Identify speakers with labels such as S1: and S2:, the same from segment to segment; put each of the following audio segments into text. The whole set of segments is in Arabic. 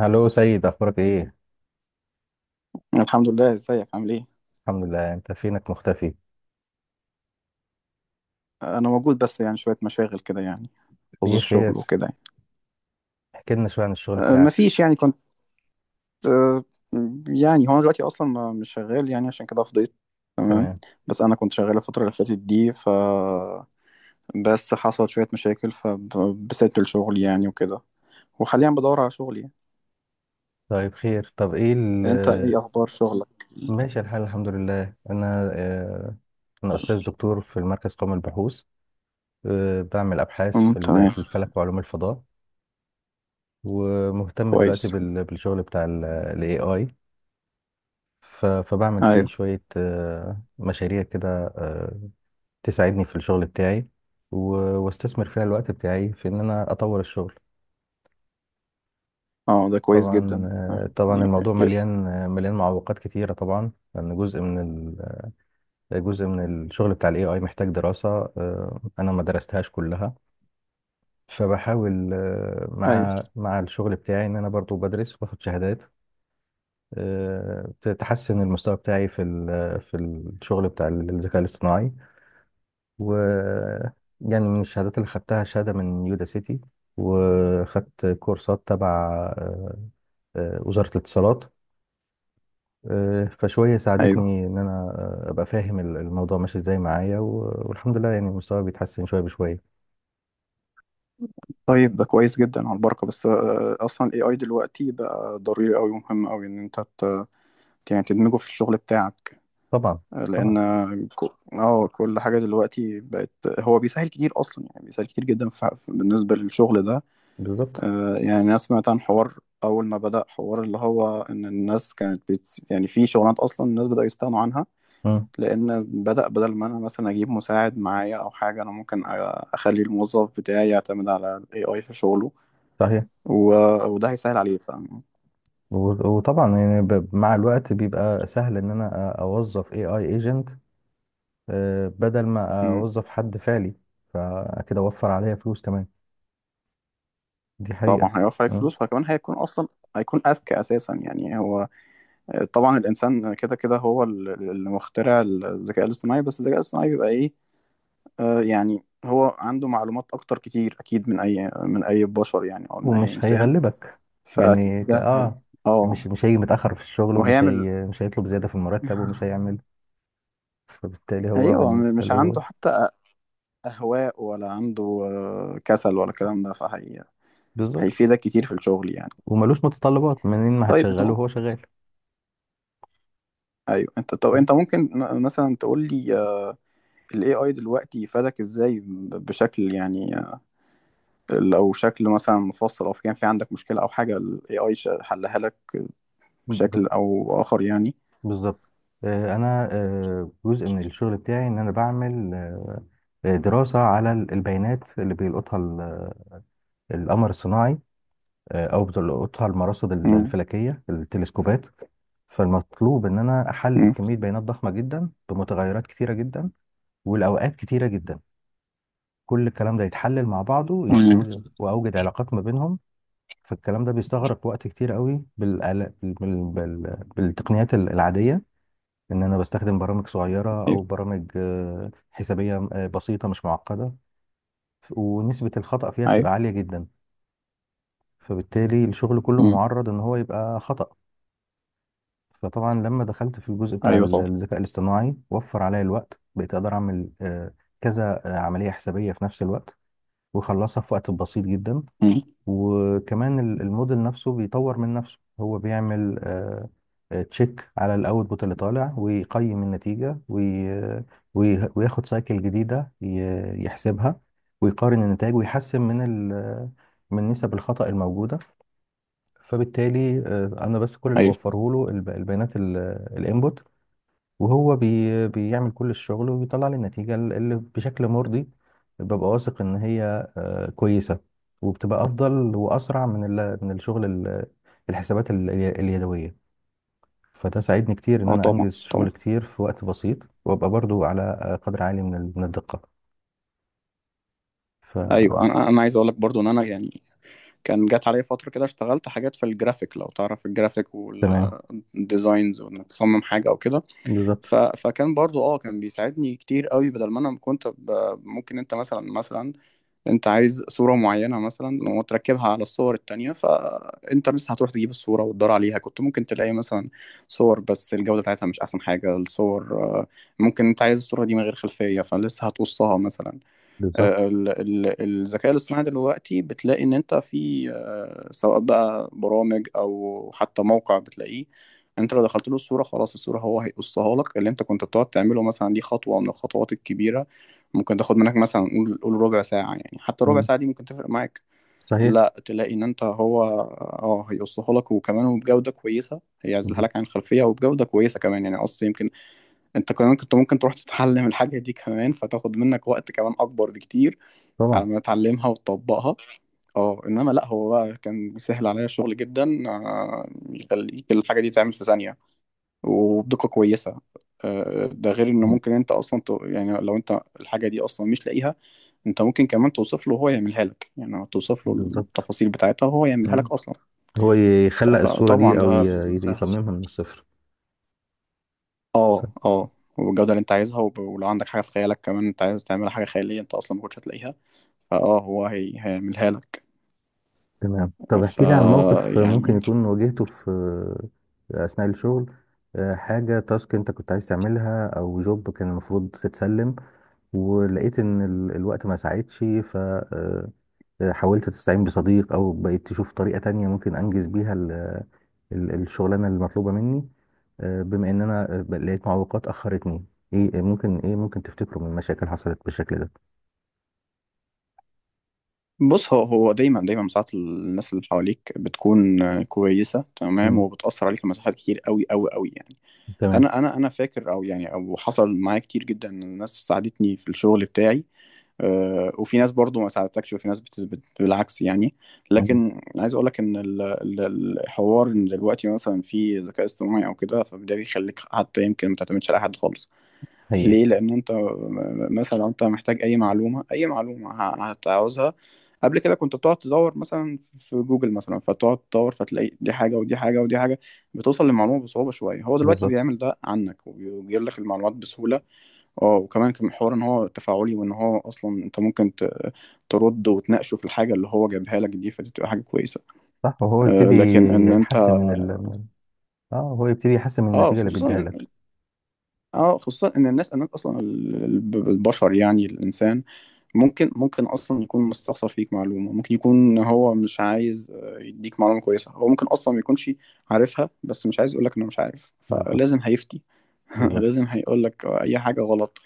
S1: هلو سيد، اخبارك ايه؟
S2: الحمد لله، ازيك عامل ايه؟
S1: الحمد لله. انت فينك مختفي؟
S2: انا موجود، بس شويه مشاغل كده
S1: ليه؟
S2: خصوص الشغل
S1: خير؟
S2: وكده
S1: احكي لنا شويه عن الشغل بتاعك.
S2: مفيش، يعني كنت أه، يعني هو انا دلوقتي اصلا مش شغال، يعني عشان كده فضيت. تمام.
S1: تمام.
S2: بس انا كنت شغال الفتره اللي فاتت دي، بس حصلت شويه مشاكل فبسيبت الشغل وكده. وحاليا بدور على شغل
S1: طيب، خير. طب ايه
S2: انت ايه اخبار شغلك؟
S1: ماشي الحال، الحمد لله. انا استاذ دكتور في المركز قومي للبحوث. بعمل ابحاث
S2: امم، تمام.
S1: في الفلك وعلوم الفضاء. ومهتم دلوقتي
S2: كويس.
S1: بالشغل بتاع الاي اي، فبعمل فيه
S2: ايوه.
S1: شويه مشاريع كده، آه، تساعدني في الشغل بتاعي، و- واستثمر فيها الوقت بتاعي في ان انا اطور الشغل.
S2: اه ده كويس
S1: طبعا،
S2: جدا.
S1: طبعا
S2: يعني-
S1: الموضوع مليان، مليان معوقات كتيرة طبعا، لأن جزء من الشغل بتاع الاي اي محتاج دراسة. أنا ما درستهاش كلها، فبحاول
S2: ايوه.
S1: مع الشغل بتاعي إن أنا برضو بدرس واخد شهادات، آه، تحسن المستوى بتاعي في الشغل بتاع الذكاء الاصطناعي، و يعني من الشهادات اللي خدتها شهادة من يودا سيتي، وخدت كورسات تبع آه، وزارة الاتصالات. فشوية
S2: ايوه.
S1: ساعدتني إن أنا أبقى فاهم الموضوع ماشي إزاي معايا، والحمد لله، يعني مستواي بيتحسن شوية بشوية.
S2: طيب ده كويس جدا على البركة. بس أصلا ال AI دلوقتي بقى ضروري أوي ومهم أوي إن يعني تدمجه في الشغل بتاعك.
S1: طبعا،
S2: لأن
S1: طبعا.
S2: كل حاجة دلوقتي بقت، هو بيسهل كتير أصلا، يعني بيسهل كتير جدا بالنسبة للشغل ده.
S1: بالظبط.
S2: يعني أنا سمعت عن حوار، أول ما بدأ حوار اللي هو إن الناس كانت يعني في شغلانات أصلا الناس بدأوا يستغنوا عنها.
S1: مم.
S2: لأن بدأ بدل ما أنا مثلا أجيب مساعد معايا أو حاجة، أنا ممكن أخلي الموظف بتاعي يعتمد على ال AI في شغله.
S1: صحيح.
S2: و... وده هيسهل عليه.
S1: وطبعا يعني، مع الوقت بيبقى سهل إن أنا أوظف AI agent، بدل ما
S2: مم.
S1: أوظف حد فعلي، فكده أوفر عليا فلوس كمان. دي حقيقة.
S2: طبعا هيوفر عليك
S1: مم.
S2: فلوس، وكمان هيكون اصلا، هيكون اذكى اساسا. يعني هو طبعا الانسان كده كده هو اللي مخترع الذكاء الاصطناعي، بس الذكاء الاصطناعي بيبقى ايه؟ آه، يعني هو عنده معلومات اكتر كتير، اكيد من اي من اي بشر، يعني او من اي
S1: ومش
S2: انسان.
S1: هيغلبك.
S2: فاكيد
S1: يعني
S2: ده هي...
S1: مش
S2: اه
S1: مش هيجي متأخر في الشغل، ومش
S2: وهيعمل.
S1: هي مش هيطلب زيادة في المرتب، ومش هيعمل. فبالتالي هو،
S2: ايوه،
S1: بالنسبة
S2: مش عنده
S1: له،
S2: حتى اهواء، ولا عنده كسل، ولا الكلام ده. فهي
S1: بالظبط.
S2: هيفيدك كتير في الشغل يعني.
S1: وملوش متطلبات، منين ما
S2: طيب انت،
S1: هتشغله هو شغال.
S2: ايوه انت، طب انت ممكن مثلا تقول لي، ال AI دلوقتي فادك ازاي بشكل يعني، لو شكل مثلا مفصل، او كان في عندك مشكلة او حاجة ال AI حلها لك
S1: ب-
S2: بشكل او اخر يعني.
S1: بالظبط. انا، جزء من الشغل بتاعي ان انا بعمل دراسة على البيانات اللي بيلقطها القمر الصناعي، او بتلقطها المراصد
S2: امم.
S1: الفلكية، التلسكوبات. فالمطلوب ان انا احلل
S2: امم.
S1: كمية بيانات ضخمة جدا بمتغيرات كتيرة جدا والاوقات كتيرة جدا. كل الكلام ده يتحلل مع بعضه،
S2: امم.
S1: واوجد علاقات ما بينهم. فالكلام ده بيستغرق وقت كتير قوي بالتقنيات العادية، ان انا بستخدم برامج صغيرة او برامج حسابية بسيطة مش معقدة، ونسبة الخطأ فيها
S2: ايوه.
S1: بتبقى عالية جدا، فبالتالي الشغل كله
S2: ايوه. امم.
S1: معرض ان هو يبقى خطأ. فطبعا لما دخلت في الجزء بتاع
S2: ايوه. طبعا.
S1: الذكاء الاصطناعي، وفر عليا الوقت، بقيت اقدر اعمل كذا عملية حسابية في نفس الوقت، واخلصها في وقت بسيط جدا.
S2: امم.
S1: وكمان الموديل نفسه بيطور من نفسه، هو بيعمل تشيك على الاوتبوت اللي طالع، ويقيم النتيجة، وياخد سايكل جديدة، يحسبها، ويقارن النتائج، ويحسن ال- من نسب الخطأ الموجودة. فبالتالي انا بس كل اللي
S2: ايوه.
S1: بوفره له البيانات الانبوت، وهو بيعمل كل الشغل، وبيطلع لي النتيجة اللي بشكل مرضي. ببقى واثق ان هي كويسة، وبتبقى أفضل وأسرع من الشغل الحسابات اليدوية. فده ساعدني كتير إن
S2: اه،
S1: أنا
S2: طبعا
S1: أنجز شغل
S2: طبعا.
S1: كتير في وقت بسيط، وأبقى برضو على قدر عالي من الدقة.
S2: ايوه.
S1: فتمام.
S2: انا انا عايز اقول لك برضو ان انا يعني، كان جات عليا فترة كده اشتغلت حاجات في الجرافيك، لو تعرف الجرافيك والديزاينز وانك تصمم حاجة او كده.
S1: بالظبط.
S2: فكان برضو اه كان بيساعدني كتير قوي بدل ما انا ممكن انت مثلا، انت عايز صورة معينة مثلا وتركبها على الصور التانية، فانت بس هتروح تجيب الصورة وتدور عليها. كنت ممكن تلاقي مثلا صور بس الجودة بتاعتها مش احسن حاجة. الصور ممكن انت عايز الصورة دي من غير خلفية، فلسه هتقصها مثلا.
S1: بالظبط.
S2: الذكاء الاصطناعي دلوقتي بتلاقي ان انت في سواء بقى برامج او حتى موقع بتلاقيه، انت لو دخلت له الصورة، خلاص الصورة هو هيقصها لك. اللي انت كنت بتقعد تعمله مثلا دي خطوة من الخطوات الكبيرة، ممكن تاخد منك مثلا قول قول ربع ساعة، يعني حتى ربع
S1: مم.
S2: ساعة دي ممكن تفرق معاك.
S1: صحيح.
S2: لا، تلاقي ان انت هو اه هيقصها لك، وكمان وبجودة كويسة هيعزلها
S1: ب-
S2: لك عن الخلفية وبجودة كويسة كمان، يعني اصلا يمكن انت كمان كنت ممكن تروح تتعلم الحاجة دي كمان، فتاخد منك وقت كمان اكبر بكتير على
S1: طبعا.
S2: ما اتعلمها وتطبقها. اه انما لا، هو بقى كان بيسهل عليا الشغل جدا. يخليك الحاجه دي تعمل في ثانيه وبدقه كويسه. ده غير انه
S1: مم.
S2: ممكن انت اصلا يعني لو انت الحاجه دي اصلا مش لاقيها، انت ممكن كمان توصف له وهو يعملها لك، يعني توصف له
S1: بالظبط.
S2: التفاصيل بتاعتها وهو يعملها
S1: مم.
S2: لك اصلا.
S1: هو يخلق الصورة دي،
S2: فطبعا
S1: أو
S2: ده سهل.
S1: يصممها من الصفر.
S2: اه اه. والجوده اللي انت عايزها، ولو عندك حاجه في خيالك كمان، انت عايز تعمل حاجه خياليه انت اصلا ما كنتش هتلاقيها، فاه هيعملها لك.
S1: تمام. طب
S2: ف
S1: احكي لي عن موقف ممكن
S2: يعني
S1: يكون واجهته في أثناء الشغل، حاجة تاسك انت كنت عايز تعملها، او جوب كان المفروض تتسلم، ولقيت ان الوقت ما ساعدش، فحاولت تستعين بصديق، او بقيت تشوف طريقة تانية ممكن انجز بيها الشغلانة المطلوبة مني، بما ان انا لقيت معوقات اخرتني. ايه ممكن تفتكره من مشاكل حصلت بالشكل ده؟
S2: بص، هو هو دايما ساعات الناس اللي حواليك بتكون كويسه تمام،
S1: مم.
S2: وبتاثر عليك في مساحات كتير قوي قوي قوي يعني.
S1: تمام.
S2: انا فاكر، او يعني او حصل معايا كتير جدا ان الناس ساعدتني في الشغل بتاعي. وفي ناس برضو ما ساعدتكش، وفي ناس بالعكس يعني.
S1: مم.
S2: لكن عايز اقول لك ان الحوار ان دلوقتي مثلا في ذكاء اصطناعي او كده، فده بيخليك حتى يمكن ما تعتمدش على حد خالص.
S1: حقيقة.
S2: ليه؟ لأن أنت مثلا لو أنت محتاج أي معلومة، أي معلومة هتعوزها قبل كده كنت بتقعد تدور مثلا في جوجل مثلا، فتقعد تدور فتلاقي دي حاجة ودي حاجة ودي حاجة، بتوصل للمعلومة بصعوبة شوية. هو دلوقتي
S1: بالظبط.
S2: بيعمل ده عنك وبيجيب لك المعلومات بسهولة. اه وكمان كان حوار إن هو تفاعلي، وإن هو أصلا أنت ممكن ترد وتناقشه في الحاجة اللي هو جايبها لك دي، فدي بتبقى حاجة كويسة.
S1: صح، وهو
S2: آه،
S1: يبتدي
S2: لكن إن أنت
S1: يحسن من ال... من ال- اه، هو يبتدي يحسن من
S2: اه
S1: النتيجة اللي بيديها
S2: خصوصا،
S1: لك.
S2: اه خصوصا ان الناس، الناس اصلا البشر يعني الانسان، ممكن اصلا يكون مستخسر فيك معلومه، ممكن يكون هو مش عايز يديك معلومه كويسه، هو ممكن اصلا ما يكونش عارفها بس مش عايز يقولك انه مش عارف،
S1: بالظبط.
S2: فلازم هيفتي.
S1: بالظبط.
S2: لازم هيقولك اي حاجه غلط.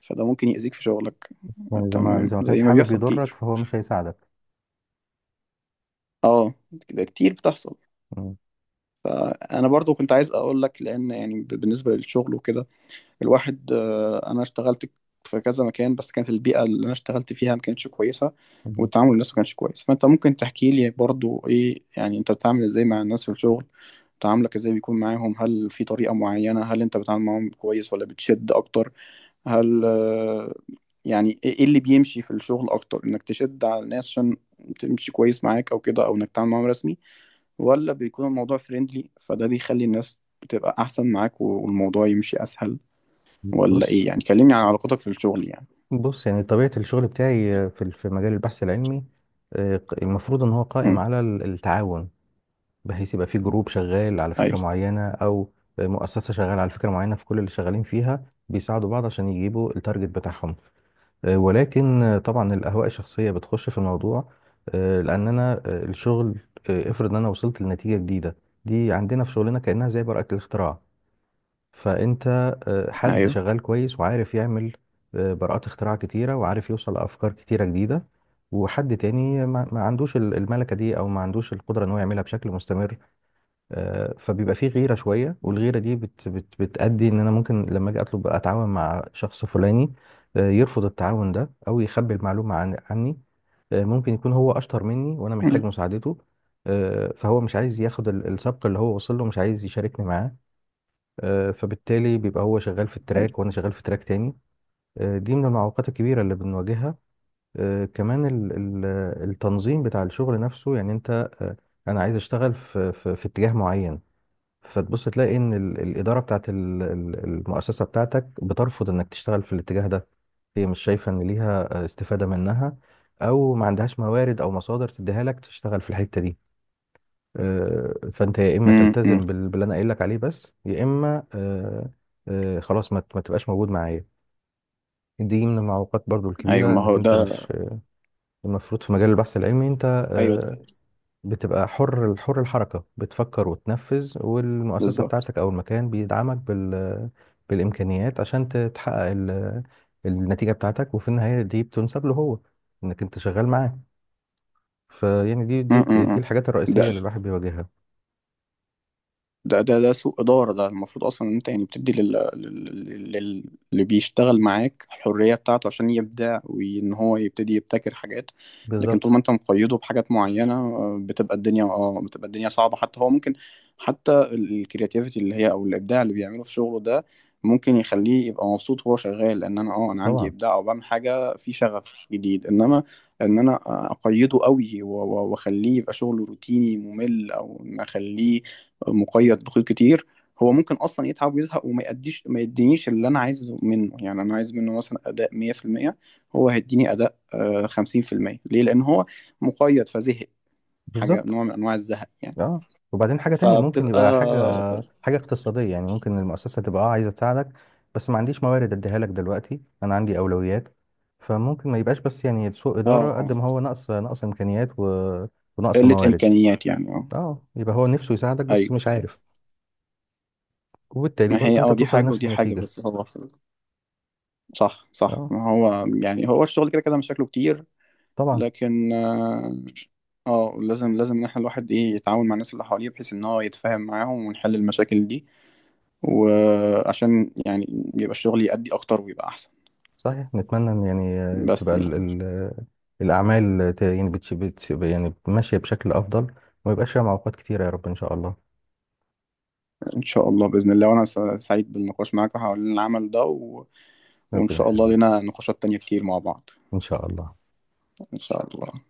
S2: فده ممكن يأذيك في شغلك.
S1: يعني إذا ما
S2: تمام،
S1: إذا ما كانش
S2: زي ما
S1: حابب
S2: بيحصل
S1: يضرك،
S2: كتير.
S1: فهو مش هيساعدك.
S2: اه، كده كتير بتحصل.
S1: مم.
S2: انا برضو كنت عايز اقولك لان يعني بالنسبه للشغل وكده، الواحد انا اشتغلت في كذا مكان، بس كانت البيئه اللي انا اشتغلت فيها ما كانتش كويسه،
S1: مم.
S2: والتعامل الناس ما كانش كويس. فانت ممكن تحكي لي برضو ايه، يعني انت بتتعامل ازاي مع الناس في الشغل؟ تعاملك ازاي بيكون معاهم؟ هل في طريقه معينه؟ هل انت بتتعامل معاهم كويس ولا بتشد اكتر؟ هل يعني ايه، إيه اللي بيمشي في الشغل اكتر، انك تشد على الناس عشان تمشي كويس معاك او كده، او انك تتعامل معاهم رسمي، ولا بيكون الموضوع فريندلي فده بيخلي الناس بتبقى احسن معاك والموضوع يمشي اسهل، ولا ايه
S1: بص.
S2: يعني؟ كلمني عن علاقتك في الشغل يعني.
S1: بص، يعني طبيعة الشغل بتاعي في مجال البحث العلمي، المفروض إن هو قائم
S2: امم.
S1: على التعاون، بحيث يبقى في جروب شغال على فكرة
S2: ايوه.
S1: معينة، أو مؤسسة شغالة على فكرة معينة، فكل اللي شغالين فيها بيساعدوا بعض عشان يجيبوا التارجت بتاعهم. ولكن، طبعا الأهواء الشخصية بتخش في الموضوع. لأن أنا، الشغل، افرض إن أنا وصلت لنتيجة جديده، دي عندنا في شغلنا كأنها زي براءة الاختراع. فأنت، حد
S2: ايوه.
S1: شغال كويس وعارف يعمل براءات اختراع كتيرة، وعارف يوصل لأفكار كتيرة جديدة، وحد تاني ما عندوش الملكة دي، أو ما عندوش القدرة إن هو يعملها بشكل مستمر. فبيبقى فيه غيرة شوية، والغيرة دي بت بت بتأدي إن أنا ممكن لما أجي أطلب أتعاون مع شخص فلاني، يرفض التعاون ده، أو يخبي المعلومة عن عني. ممكن يكون هو أشطر مني وأنا محتاج
S2: امم.
S1: مساعدته، فهو مش عايز ياخد السبق اللي هو وصل له، مش عايز يشاركني معاه. فبالتالي بيبقى هو شغال في
S2: ايوه.
S1: التراك، وأنا شغال في تراك تاني. دي من المعوقات الكبيرة اللي بنواجهها. كمان التنظيم بتاع الشغل نفسه، يعني أنت، آه، أنا عايز أشتغل في اتجاه معين، فتبص تلاقي ان الاداره بتاعت المؤسسه بتاعتك بترفض انك تشتغل في الاتجاه ده. هي مش شايفه ان ليها استفاده منها، او ما عندهاش موارد او مصادر تديها لك تشتغل في الحته دي. فانت يا اما
S2: أمم، أمم.
S1: تلتزم باللي انا قايل لك عليه بس، يا اما خلاص ما تبقاش موجود معايا. دي من المعوقات برضو
S2: أيوة،
S1: الكبيره،
S2: ما هو
S1: انك انت
S2: ده.
S1: مش المفروض في مجال البحث العلمي. انت
S2: ايوه ده.
S1: آه، بتبقى حر، حر الحركة، بتفكر وتنفذ، والمؤسسة
S2: بالظبط.
S1: بتاعتك أو المكان بيدعمك بالإمكانيات عشان تحقق النتيجة بتاعتك، وفي النهاية دي بتنسب له هو، إنك أنت شغال معاه. فيعني دي
S2: امم.
S1: دي
S2: أمم،
S1: دي
S2: أمم.
S1: الحاجات
S2: ده
S1: الرئيسية اللي الواحد بيواجهها.
S2: ده سوء إدارة. ده المفروض أصلا إن أنت يعني بتدي لل... اللي بيشتغل معاك الحرية بتاعته عشان يبدع، وإن هو يبتدي يبتكر حاجات. لكن طول
S1: بالظبط.
S2: ما أنت مقيده بحاجات معينة بتبقى الدنيا اه بتبقى الدنيا صعبة. حتى هو ممكن، حتى الكرياتيفيتي اللي هي أو الإبداع اللي بيعمله في شغله ده، ممكن يخليه يبقى مبسوط وهو شغال إن أنا عندي
S1: طبعا.
S2: إبداع أو بعمل حاجة في شغف جديد. إنما إن أنا أقيده قوي وأخليه يبقى شغله روتيني ممل، أو إن أخليه مقيد بخيوط كتير، هو ممكن اصلا يتعب ويزهق، وما يأديش ما يدينيش اللي انا عايزه منه. يعني انا عايز منه مثلا اداء 100%، هو هيديني اداء 50%. ليه؟ لان هو مقيد فزهق، حاجه
S1: بالظبط.
S2: نوع من انواع الزهق يعني.
S1: اه، وبعدين حاجة تانية، ممكن
S2: فبتبقى
S1: يبقى حاجة،
S2: اه
S1: حاجة اقتصادية. يعني ممكن المؤسسة تبقى، اه، عايزة تساعدك، بس ما عنديش موارد اديها لك دلوقتي، انا عندي اولويات. فممكن ما يبقاش بس يعني سوء إدارة قد
S2: اه
S1: ما هو نقص، امكانيات، ونقص
S2: قله
S1: موارد.
S2: امكانيات يعني اه.
S1: اه، يبقى هو نفسه يساعدك بس
S2: ايوه.
S1: مش عارف،
S2: أيوة.
S1: وبالتالي
S2: ما هي
S1: برضه انت
S2: اه دي
S1: توصل
S2: حاجه
S1: لنفس
S2: ودي حاجه،
S1: النتيجة.
S2: بس هو صح،
S1: اه،
S2: ما هو يعني هو الشغل كده كده مشاكله كتير.
S1: طبعا.
S2: لكن لازم، لازم ان احنا الواحد ايه يتعاون مع الناس اللي حواليه، بحيث ان هو يتفاهم معاهم ونحل المشاكل دي، وعشان يبقى الشغل يأدي اكتر ويبقى احسن.
S1: صحيح، نتمنى ان يعني،
S2: بس
S1: تبقى
S2: يعني،
S1: الاعمال يعني يعني ماشية بشكل افضل، وما يبقاش فيها معوقات كتيرة، يا رب، ان شاء الله.
S2: ان شاء الله بإذن الله. وانا سعيد بالنقاش معاك حول العمل ده وان
S1: ربنا
S2: شاء الله
S1: يخليك.
S2: لنا نقاشات تانية كتير مع بعض.
S1: إن شاء الله.
S2: ان شاء الله.